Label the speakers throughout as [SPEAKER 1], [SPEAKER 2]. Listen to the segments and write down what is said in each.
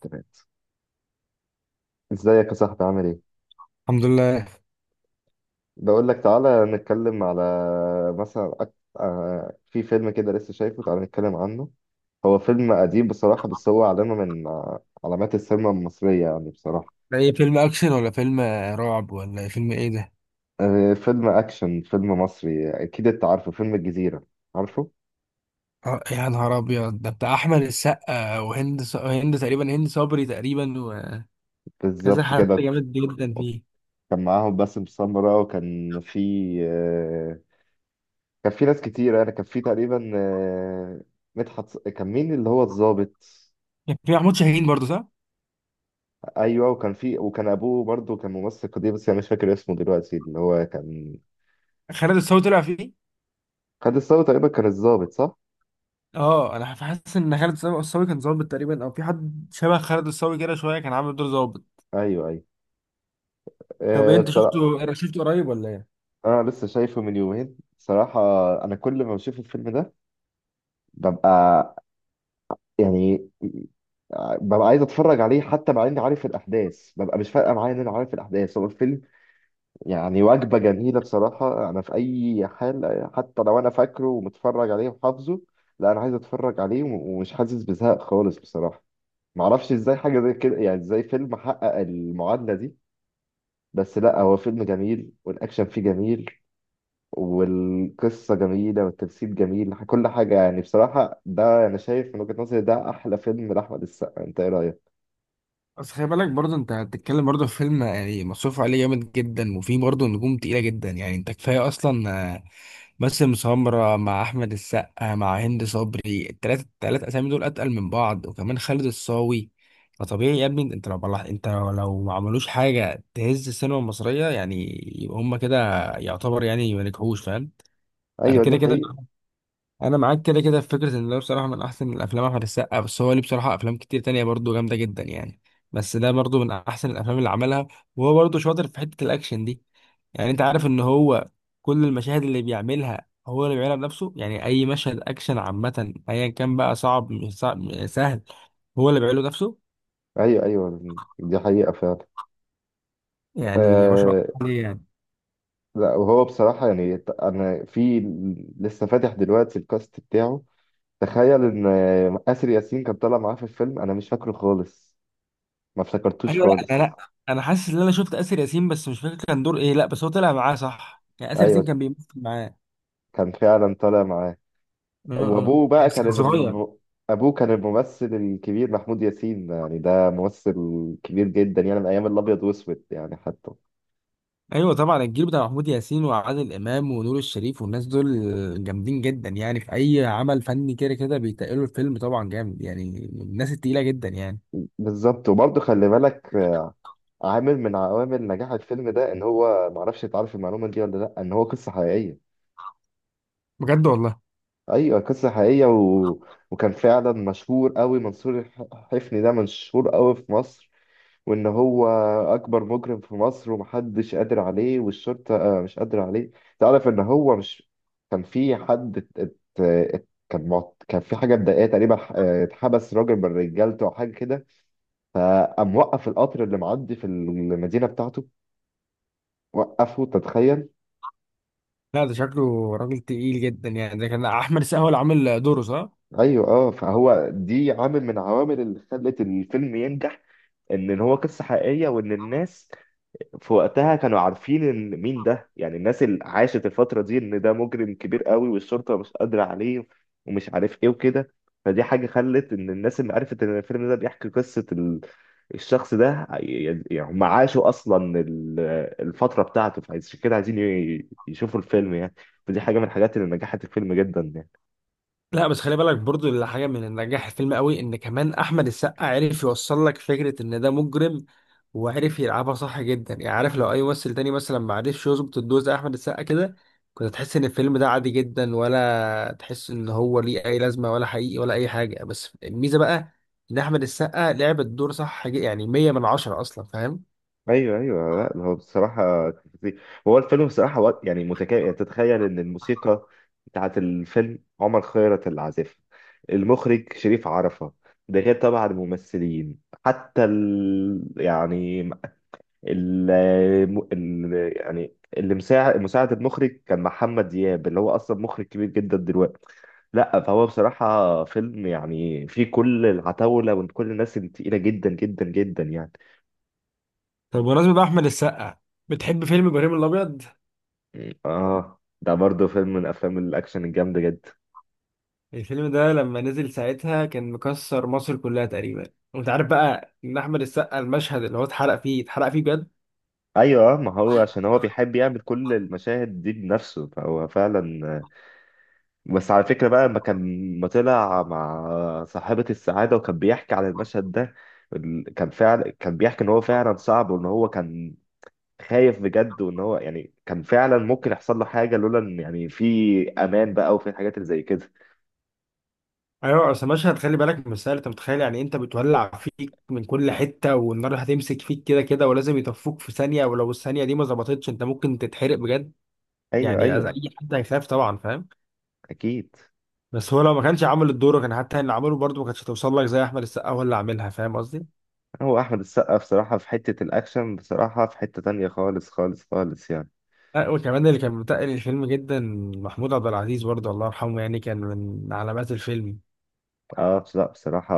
[SPEAKER 1] تمام. ازيك يا صاحبي؟ عامل ايه؟
[SPEAKER 2] الحمد لله.
[SPEAKER 1] بقول لك تعالى نتكلم على مثلا أك... آه في فيلم كده لسه شايفه، تعالى نتكلم عنه. هو فيلم قديم بصراحة، بس هو علامة من علامات السينما المصرية يعني بصراحة.
[SPEAKER 2] ده ايه، فيلم اكشن ولا فيلم رعب ولا ايه؟ فيلم ايه ده؟
[SPEAKER 1] فيلم أكشن، فيلم مصري، أكيد أنت عارفه، فيلم الجزيرة. عارفه.
[SPEAKER 2] يا نهار ابيض، ده بتاع احمد السقا وهند ص... هند تقريبا هند صبري تقريبا. وكذا
[SPEAKER 1] بالظبط
[SPEAKER 2] حد
[SPEAKER 1] كده.
[SPEAKER 2] جامد جدا فيه.
[SPEAKER 1] كان معاهم باسم سمرة، وكان في، آه كان في ناس كتير. يعني كان في تقريبا كان مين اللي هو الضابط؟
[SPEAKER 2] كان في محمود شاهين برضه، صح؟
[SPEAKER 1] ايوه، وكان في، وكان ابوه برضه كان ممثل قديم بس انا مش فاكر اسمه دلوقتي، اللي هو كان
[SPEAKER 2] خالد الصاوي طلع فيه.
[SPEAKER 1] خد الثوره تقريبا، كان الضابط صح؟
[SPEAKER 2] اه، انا حاسس ان خالد الصاوي كان ظابط تقريبا، او في حد شبه خالد الصاوي كده شويه كان عامل دور ظابط.
[SPEAKER 1] ايوه ايوه.
[SPEAKER 2] طب إيه، انت
[SPEAKER 1] بصراحه
[SPEAKER 2] شفته قريب ولا ايه؟
[SPEAKER 1] انا لسه شايفه من يومين بصراحه. انا كل ما بشوف الفيلم ده ببقى، يعني ببقى عايز اتفرج عليه حتى مع اني عارف الاحداث. ببقى مش فارقه معايا ان انا عارف الاحداث، هو الفيلم يعني وجبه جميله بصراحه انا، في اي حال حتى لو انا فاكره ومتفرج عليه وحافظه، لا انا عايز اتفرج عليه ومش حاسس بزهق خالص بصراحه. معرفش ازاي حاجة زي كده، يعني ازاي فيلم حقق المعادلة دي؟ بس لا، هو فيلم جميل والأكشن فيه جميل والقصة جميلة والتمثيل جميل، كل حاجة يعني بصراحة. ده أنا شايف من وجهة نظري ده أحلى فيلم لأحمد السقا، أنت إيه رأيك؟
[SPEAKER 2] بس خلي بالك، برضه انت هتتكلم برضه في فيلم يعني مصروف عليه جامد جدا، وفيه برضه نجوم تقيلة جدا. يعني انت كفاية اصلا، آه، باسم سمرة مع احمد السقا مع هند صبري، التلاتة التلات اسامي دول اتقل من بعض، وكمان خالد الصاوي. فطبيعي يا ابني، انت لو ما عملوش حاجة تهز السينما المصرية، يعني يبقى هما كده يعتبر يعني ما نجحوش، فاهم. انا
[SPEAKER 1] أيوه دي
[SPEAKER 2] كده كده،
[SPEAKER 1] حقيقة.
[SPEAKER 2] انا معاك كده كده في فكره ان ده بصراحه من احسن الافلام احمد السقا. بس هو ليه بصراحه افلام كتير تانية برضو جامده جدا يعني، بس ده برضو من احسن الافلام اللي عملها. وهو برضو شاطر في حته الاكشن دي. يعني انت عارف ان هو كل المشاهد اللي بيعملها هو اللي بيعملها بنفسه، يعني اي مشهد اكشن عامه، ايا كان بقى صعب مش صعب مش سهل، هو اللي بيعمله بنفسه.
[SPEAKER 1] أيوه أيوه، دي حقيقة فعلا.
[SPEAKER 2] يعني ما شاء الله
[SPEAKER 1] آه.
[SPEAKER 2] عليه يعني.
[SPEAKER 1] لا وهو بصراحة يعني أنا، في، لسه فاتح دلوقتي الكاست بتاعه. تخيل إن آسر ياسين كان طالع معاه في الفيلم، أنا مش فاكره خالص، ما افتكرتوش
[SPEAKER 2] ايوه. لا، انا
[SPEAKER 1] خالص.
[SPEAKER 2] لا انا حاسس ان انا شفت اسر ياسين، بس مش فاكر كان دور ايه. لا بس هو طلع معاه صح، يعني اسر ياسين
[SPEAKER 1] ايوه،
[SPEAKER 2] كان بيمثل معاه.
[SPEAKER 1] كان فعلا طالع معاه.
[SPEAKER 2] اه. اه،
[SPEAKER 1] وابوه بقى
[SPEAKER 2] بس
[SPEAKER 1] كان
[SPEAKER 2] كان صغير.
[SPEAKER 1] ابوه كان الممثل الكبير محمود ياسين، يعني ده ممثل كبير جدا يعني من ايام الابيض واسود يعني حتى.
[SPEAKER 2] ايوه طبعا، الجيل بتاع محمود ياسين وعادل امام ونور الشريف والناس دول جامدين جدا، يعني في اي عمل فني كده كده بيتقلوا الفيلم، طبعا جامد يعني من الناس التقيله جدا يعني.
[SPEAKER 1] بالظبط. وبرضه خلي بالك، عامل من عوامل نجاح الفيلم ده ان هو، معرفش انت عارف المعلومه دي ولا لا، ان هو قصه حقيقيه.
[SPEAKER 2] بجد والله؟
[SPEAKER 1] ايوه قصه حقيقيه، وكان فعلا مشهور قوي، منصور حفني، ده مشهور قوي في مصر. وان هو اكبر مجرم في مصر ومحدش قادر عليه، والشرطه مش قادره عليه. تعرف ان هو مش، كان في حد كان في حاجه مضايقاه تقريبا، اتحبس راجل من رجالته او حاجه كده، فقام وقف القطر اللي معدي في المدينه بتاعته، وقفه، تتخيل.
[SPEAKER 2] لا، ده شكله راجل تقيل جدا يعني. ده كان احمد السقا هو اللي عامل دوره، صح؟
[SPEAKER 1] ايوه. اه، فهو دي عامل من عوامل اللي خلت الفيلم ينجح، ان هو قصه حقيقيه، وان الناس في وقتها كانوا عارفين ان مين ده، يعني الناس اللي عاشت الفترة دي، ان ده مجرم كبير قوي والشرطة مش قادرة عليه ومش عارف ايه وكده. فدي حاجة خلت ان الناس اللي عرفت ان الفيلم ده بيحكي قصة الشخص ده يعني هم عاشوا اصلا الفترة بتاعته، فعشان كده عايزين يشوفوا الفيلم يعني. فدي حاجة من الحاجات اللي نجحت الفيلم جدا يعني.
[SPEAKER 2] لا بس خلي بالك برضو، اللي حاجه من اللي نجح الفيلم قوي ان كمان احمد السقا عرف يوصل لك فكره ان ده مجرم، وعرف يلعبها صح جدا. يعني عارف، لو اي ممثل تاني مثلا ما عرفش يظبط الدور زي احمد السقا كده، كنت تحس ان الفيلم ده عادي جدا، ولا تحس ان هو ليه اي لازمه ولا حقيقي ولا اي حاجه. بس الميزه بقى ان احمد السقا لعب الدور صح، يعني 100 من 10 اصلا، فاهم.
[SPEAKER 1] ايوه ايوه، لا هو بصراحه كان فظيع. هو الفيلم بصراحه وقت يعني متكامل. يعني تتخيل ان الموسيقى بتاعت الفيلم عمر خيرت اللي عازفها، المخرج شريف عرفة، ده غير طبعا الممثلين، حتى يعني ال... يعني اللي مساعد المخرج كان محمد دياب اللي هو اصلا مخرج كبير جدا دلوقتي. لا فهو بصراحه فيلم يعني فيه كل العتاوله وكل الناس التقيله جدا جدا جدا يعني.
[SPEAKER 2] طب بمناسبة بقى احمد السقا، بتحب فيلم ابراهيم الابيض؟
[SPEAKER 1] اه ده برضه فيلم من افلام الاكشن الجامده جدا.
[SPEAKER 2] الفيلم ده لما نزل ساعتها كان مكسر مصر كلها تقريبا. وانت عارف بقى ان احمد السقا المشهد اللي هو اتحرق فيه، اتحرق فيه بجد.
[SPEAKER 1] ايوه ما هو عشان هو بيحب يعمل كل المشاهد دي بنفسه، فهو فعلا. بس على فكره بقى لما كان، ما طلع مع صاحبه السعاده وكان بيحكي عن المشهد ده، كان فعلا كان بيحكي ان هو فعلا صعب، وان هو كان خايف بجد، وان هو يعني كان فعلا ممكن يحصل له حاجه لولا ان يعني في امان بقى وفي الحاجات اللي زي كده.
[SPEAKER 2] ايوه، اصل مشهد خلي بالك مش سهل. انت متخيل يعني، انت بتولع فيك من كل حته، والنار هتمسك فيك كده كده، ولازم يطفوك في ثانيه، ولو الثانيه دي ما ظبطتش انت ممكن تتحرق بجد.
[SPEAKER 1] ايوه
[SPEAKER 2] يعني
[SPEAKER 1] ايوه.
[SPEAKER 2] اي حد هيخاف طبعا، فاهم.
[SPEAKER 1] اكيد.
[SPEAKER 2] بس هو لو ما كانش عامل الدور، كان حتى اللي عمله برضه ما كانتش هتوصل لك زي احمد السقا هو اللي عاملها، فاهم قصدي؟
[SPEAKER 1] هو احمد السقا بصراحه في حته الاكشن بصراحه في حته تانية خالص خالص خالص يعني.
[SPEAKER 2] لا، وكمان اللي كان متقل الفيلم جدا محمود عبد العزيز برضه، الله يرحمه، يعني كان من علامات الفيلم.
[SPEAKER 1] اه لا بصراحه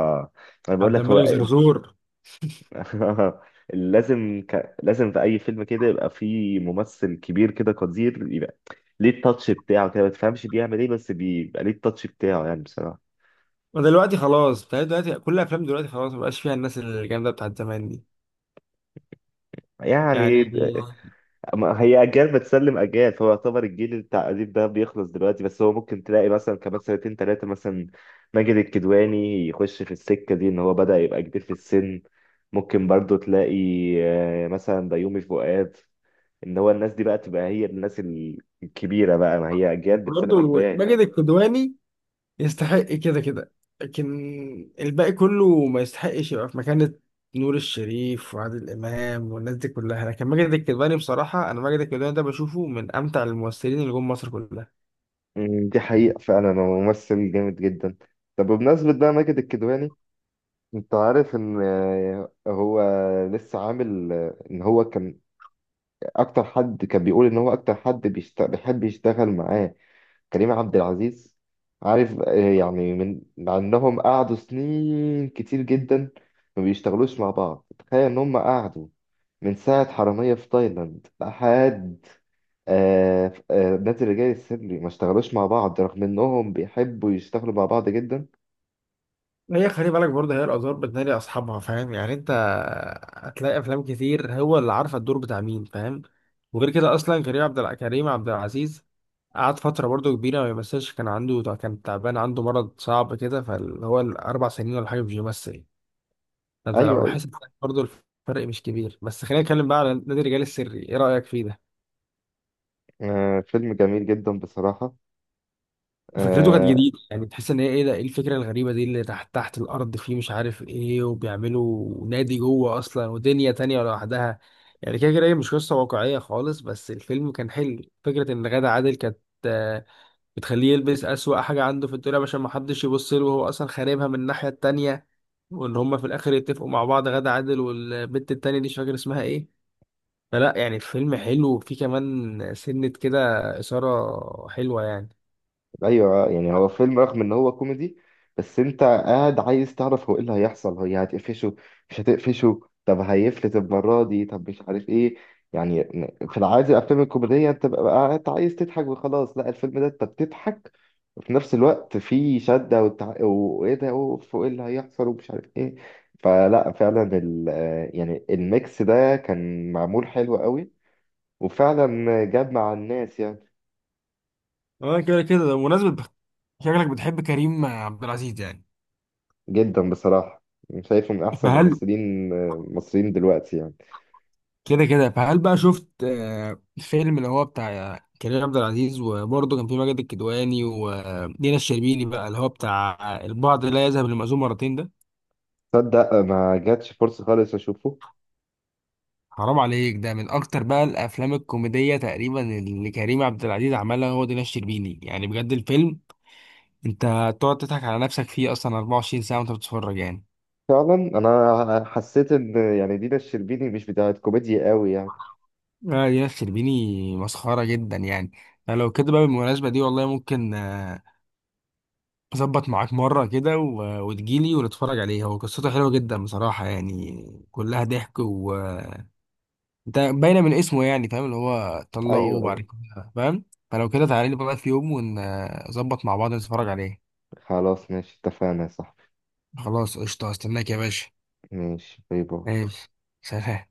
[SPEAKER 1] انا بقول
[SPEAKER 2] عبد
[SPEAKER 1] لك هو
[SPEAKER 2] الملك زرزور.
[SPEAKER 1] لازم لازم في اي فيلم كده يبقى فيه ممثل كبير كده قدير، يبقى ليه التاتش بتاعه كده، ما تفهمش بيعمل ايه بس بيبقى ليه التاتش بتاعه يعني بصراحه.
[SPEAKER 2] ودلوقتي خلاص، بتهيألي دلوقتي كل الافلام دلوقتي خلاص ما بقاش فيها الناس الجامده بتاعت زمان دي يعني.
[SPEAKER 1] يعني أما هي أجيال بتسلم أجيال، فهو يعتبر الجيل بتاع أديب ده بيخلص دلوقتي، بس هو ممكن تلاقي مثلا كمان سنتين تلاتة مثلا ماجد الكدواني يخش في السكة دي، إن هو بدأ يبقى كبير في السن. ممكن برضو تلاقي مثلا بيومي فؤاد، إن هو الناس دي بقى تبقى هي الناس الكبيرة بقى، ما هي أجيال بتسلم
[SPEAKER 2] برضه
[SPEAKER 1] أجيال يعني.
[SPEAKER 2] ماجد الكدواني يستحق كده كده، لكن الباقي كله ما يستحقش يبقى في مكانة نور الشريف وعادل إمام والناس دي كلها. لكن ماجد الكدواني بصراحة، أنا ماجد الكدواني ده بشوفه من أمتع الممثلين اللي جم مصر كلها.
[SPEAKER 1] دي حقيقة فعلا، هو ممثل جامد جدا. طب بمناسبة بقى ماجد الكدواني، انت عارف ان هو لسه عامل، ان هو كان اكتر حد كان بيقول ان هو اكتر حد بيحب يشتغل معاه كريم عبد العزيز. عارف يعني من، مع انهم قعدوا سنين كتير جدا ما بيشتغلوش مع بعض. تخيل ان هم قعدوا من ساعة حرامية في تايلاند لحد نادي الرجال السري ما اشتغلوش مع بعض، رغم انهم بيحبوا يشتغلوا مع بعض جدا.
[SPEAKER 2] هي خلي بالك برضه، هي الآثار بتنادي أصحابها، فاهم يعني. أنت هتلاقي أفلام كتير هو اللي عارفة الدور بتاع مين، فاهم. وغير كده أصلا كريم عبد العزيز قعد فترة برضه كبيرة ما بيمثلش. كان تعبان، عنده مرض صعب كده، فاللي هو الأربع سنين ولا حاجة مش بيمثل. أنت لو
[SPEAKER 1] ايوه ايوه.
[SPEAKER 2] لاحظت برضه الفرق مش كبير. بس خلينا نتكلم بقى على نادي الرجال السري، إيه رأيك فيه ده؟
[SPEAKER 1] فيلم جميل جدا بصراحة.
[SPEAKER 2] فكرته كانت
[SPEAKER 1] آه،
[SPEAKER 2] جديدة، يعني تحس ان هي ايه ده، ايه الفكرة الغريبة دي اللي تحت تحت الارض، فيه مش عارف ايه، وبيعملوا نادي جوه اصلا ودنيا تانية لوحدها. يعني كده كده هي مش قصة واقعية خالص، بس الفيلم كان حلو. فكرة ان غادة عادل كانت، آه، بتخليه يلبس اسوأ حاجة عنده في الدنيا عشان محدش يبص له، وهو اصلا خاربها من الناحية التانية، وان هما في الاخر يتفقوا مع بعض، غادة عادل والبنت التانية دي مش فاكر اسمها ايه. فلا يعني الفيلم حلو، وفيه كمان سنة كده إثارة حلوة يعني.
[SPEAKER 1] ايوه يعني هو فيلم رغم ان هو كوميدي بس انت قاعد عايز تعرف هو ايه اللي هيحصل، هي هتقفشه مش هتقفشه، طب هيفلت المره دي، طب مش عارف ايه. يعني في العادي الافلام الكوميديه انت بقى قاعد عايز تضحك وخلاص، لا الفيلم ده انت بتضحك وفي نفس الوقت في شده وايه ده، اوف، وايه اللي هيحصل ومش عارف ايه. فلا فعلا يعني الميكس ده كان معمول حلو قوي وفعلا جاب مع الناس يعني.
[SPEAKER 2] اه كده كده بمناسبة، شكلك بتحب كريم عبد العزيز يعني.
[SPEAKER 1] جدا بصراحة، شايفه من أحسن
[SPEAKER 2] فهل
[SPEAKER 1] الممثلين المصريين دلوقتي يعني.
[SPEAKER 2] كده كده، فهل بقى شفت الفيلم اللي هو بتاع كريم عبد العزيز، وبرضه كان في ماجد الكدواني ودينا الشربيني، بقى اللي هو بتاع البعض لا يذهب للمأذون مرتين ده؟
[SPEAKER 1] تصدق ما جاتش فرصة خالص أشوفه.
[SPEAKER 2] حرام عليك، ده من اكتر بقى الافلام الكوميدية تقريبا اللي كريم عبد العزيز عملها هو دينا الشربيني. يعني بجد الفيلم، انت تقعد تضحك على نفسك فيه اصلا 24 ساعة وانت بتتفرج يعني.
[SPEAKER 1] فعلا أنا حسيت إن يعني دينا الشربيني مش بتاعت كوميديا قوي يعني.
[SPEAKER 2] دينا الشربيني مسخرة جدا يعني. فلو كده بقى بالمناسبة دي، والله ممكن اظبط معاك مره كده وتجيلي ونتفرج عليه. هو قصته حلوه جدا بصراحه يعني، كلها ضحك، و ده باينه من اسمه يعني، فاهم، اللي هو طلقه
[SPEAKER 1] أيوه
[SPEAKER 2] وبعد
[SPEAKER 1] أيوه.
[SPEAKER 2] كده، فاهم. فلو كده تعالى لي بقى في يوم، ونظبط مع بعض نتفرج عليه.
[SPEAKER 1] خلاص ماشي، اتفقنا يا صاحبي.
[SPEAKER 2] خلاص قشطه، استناك يا باشا.
[SPEAKER 1] ماشي، باي باي.
[SPEAKER 2] ماشي، سلام.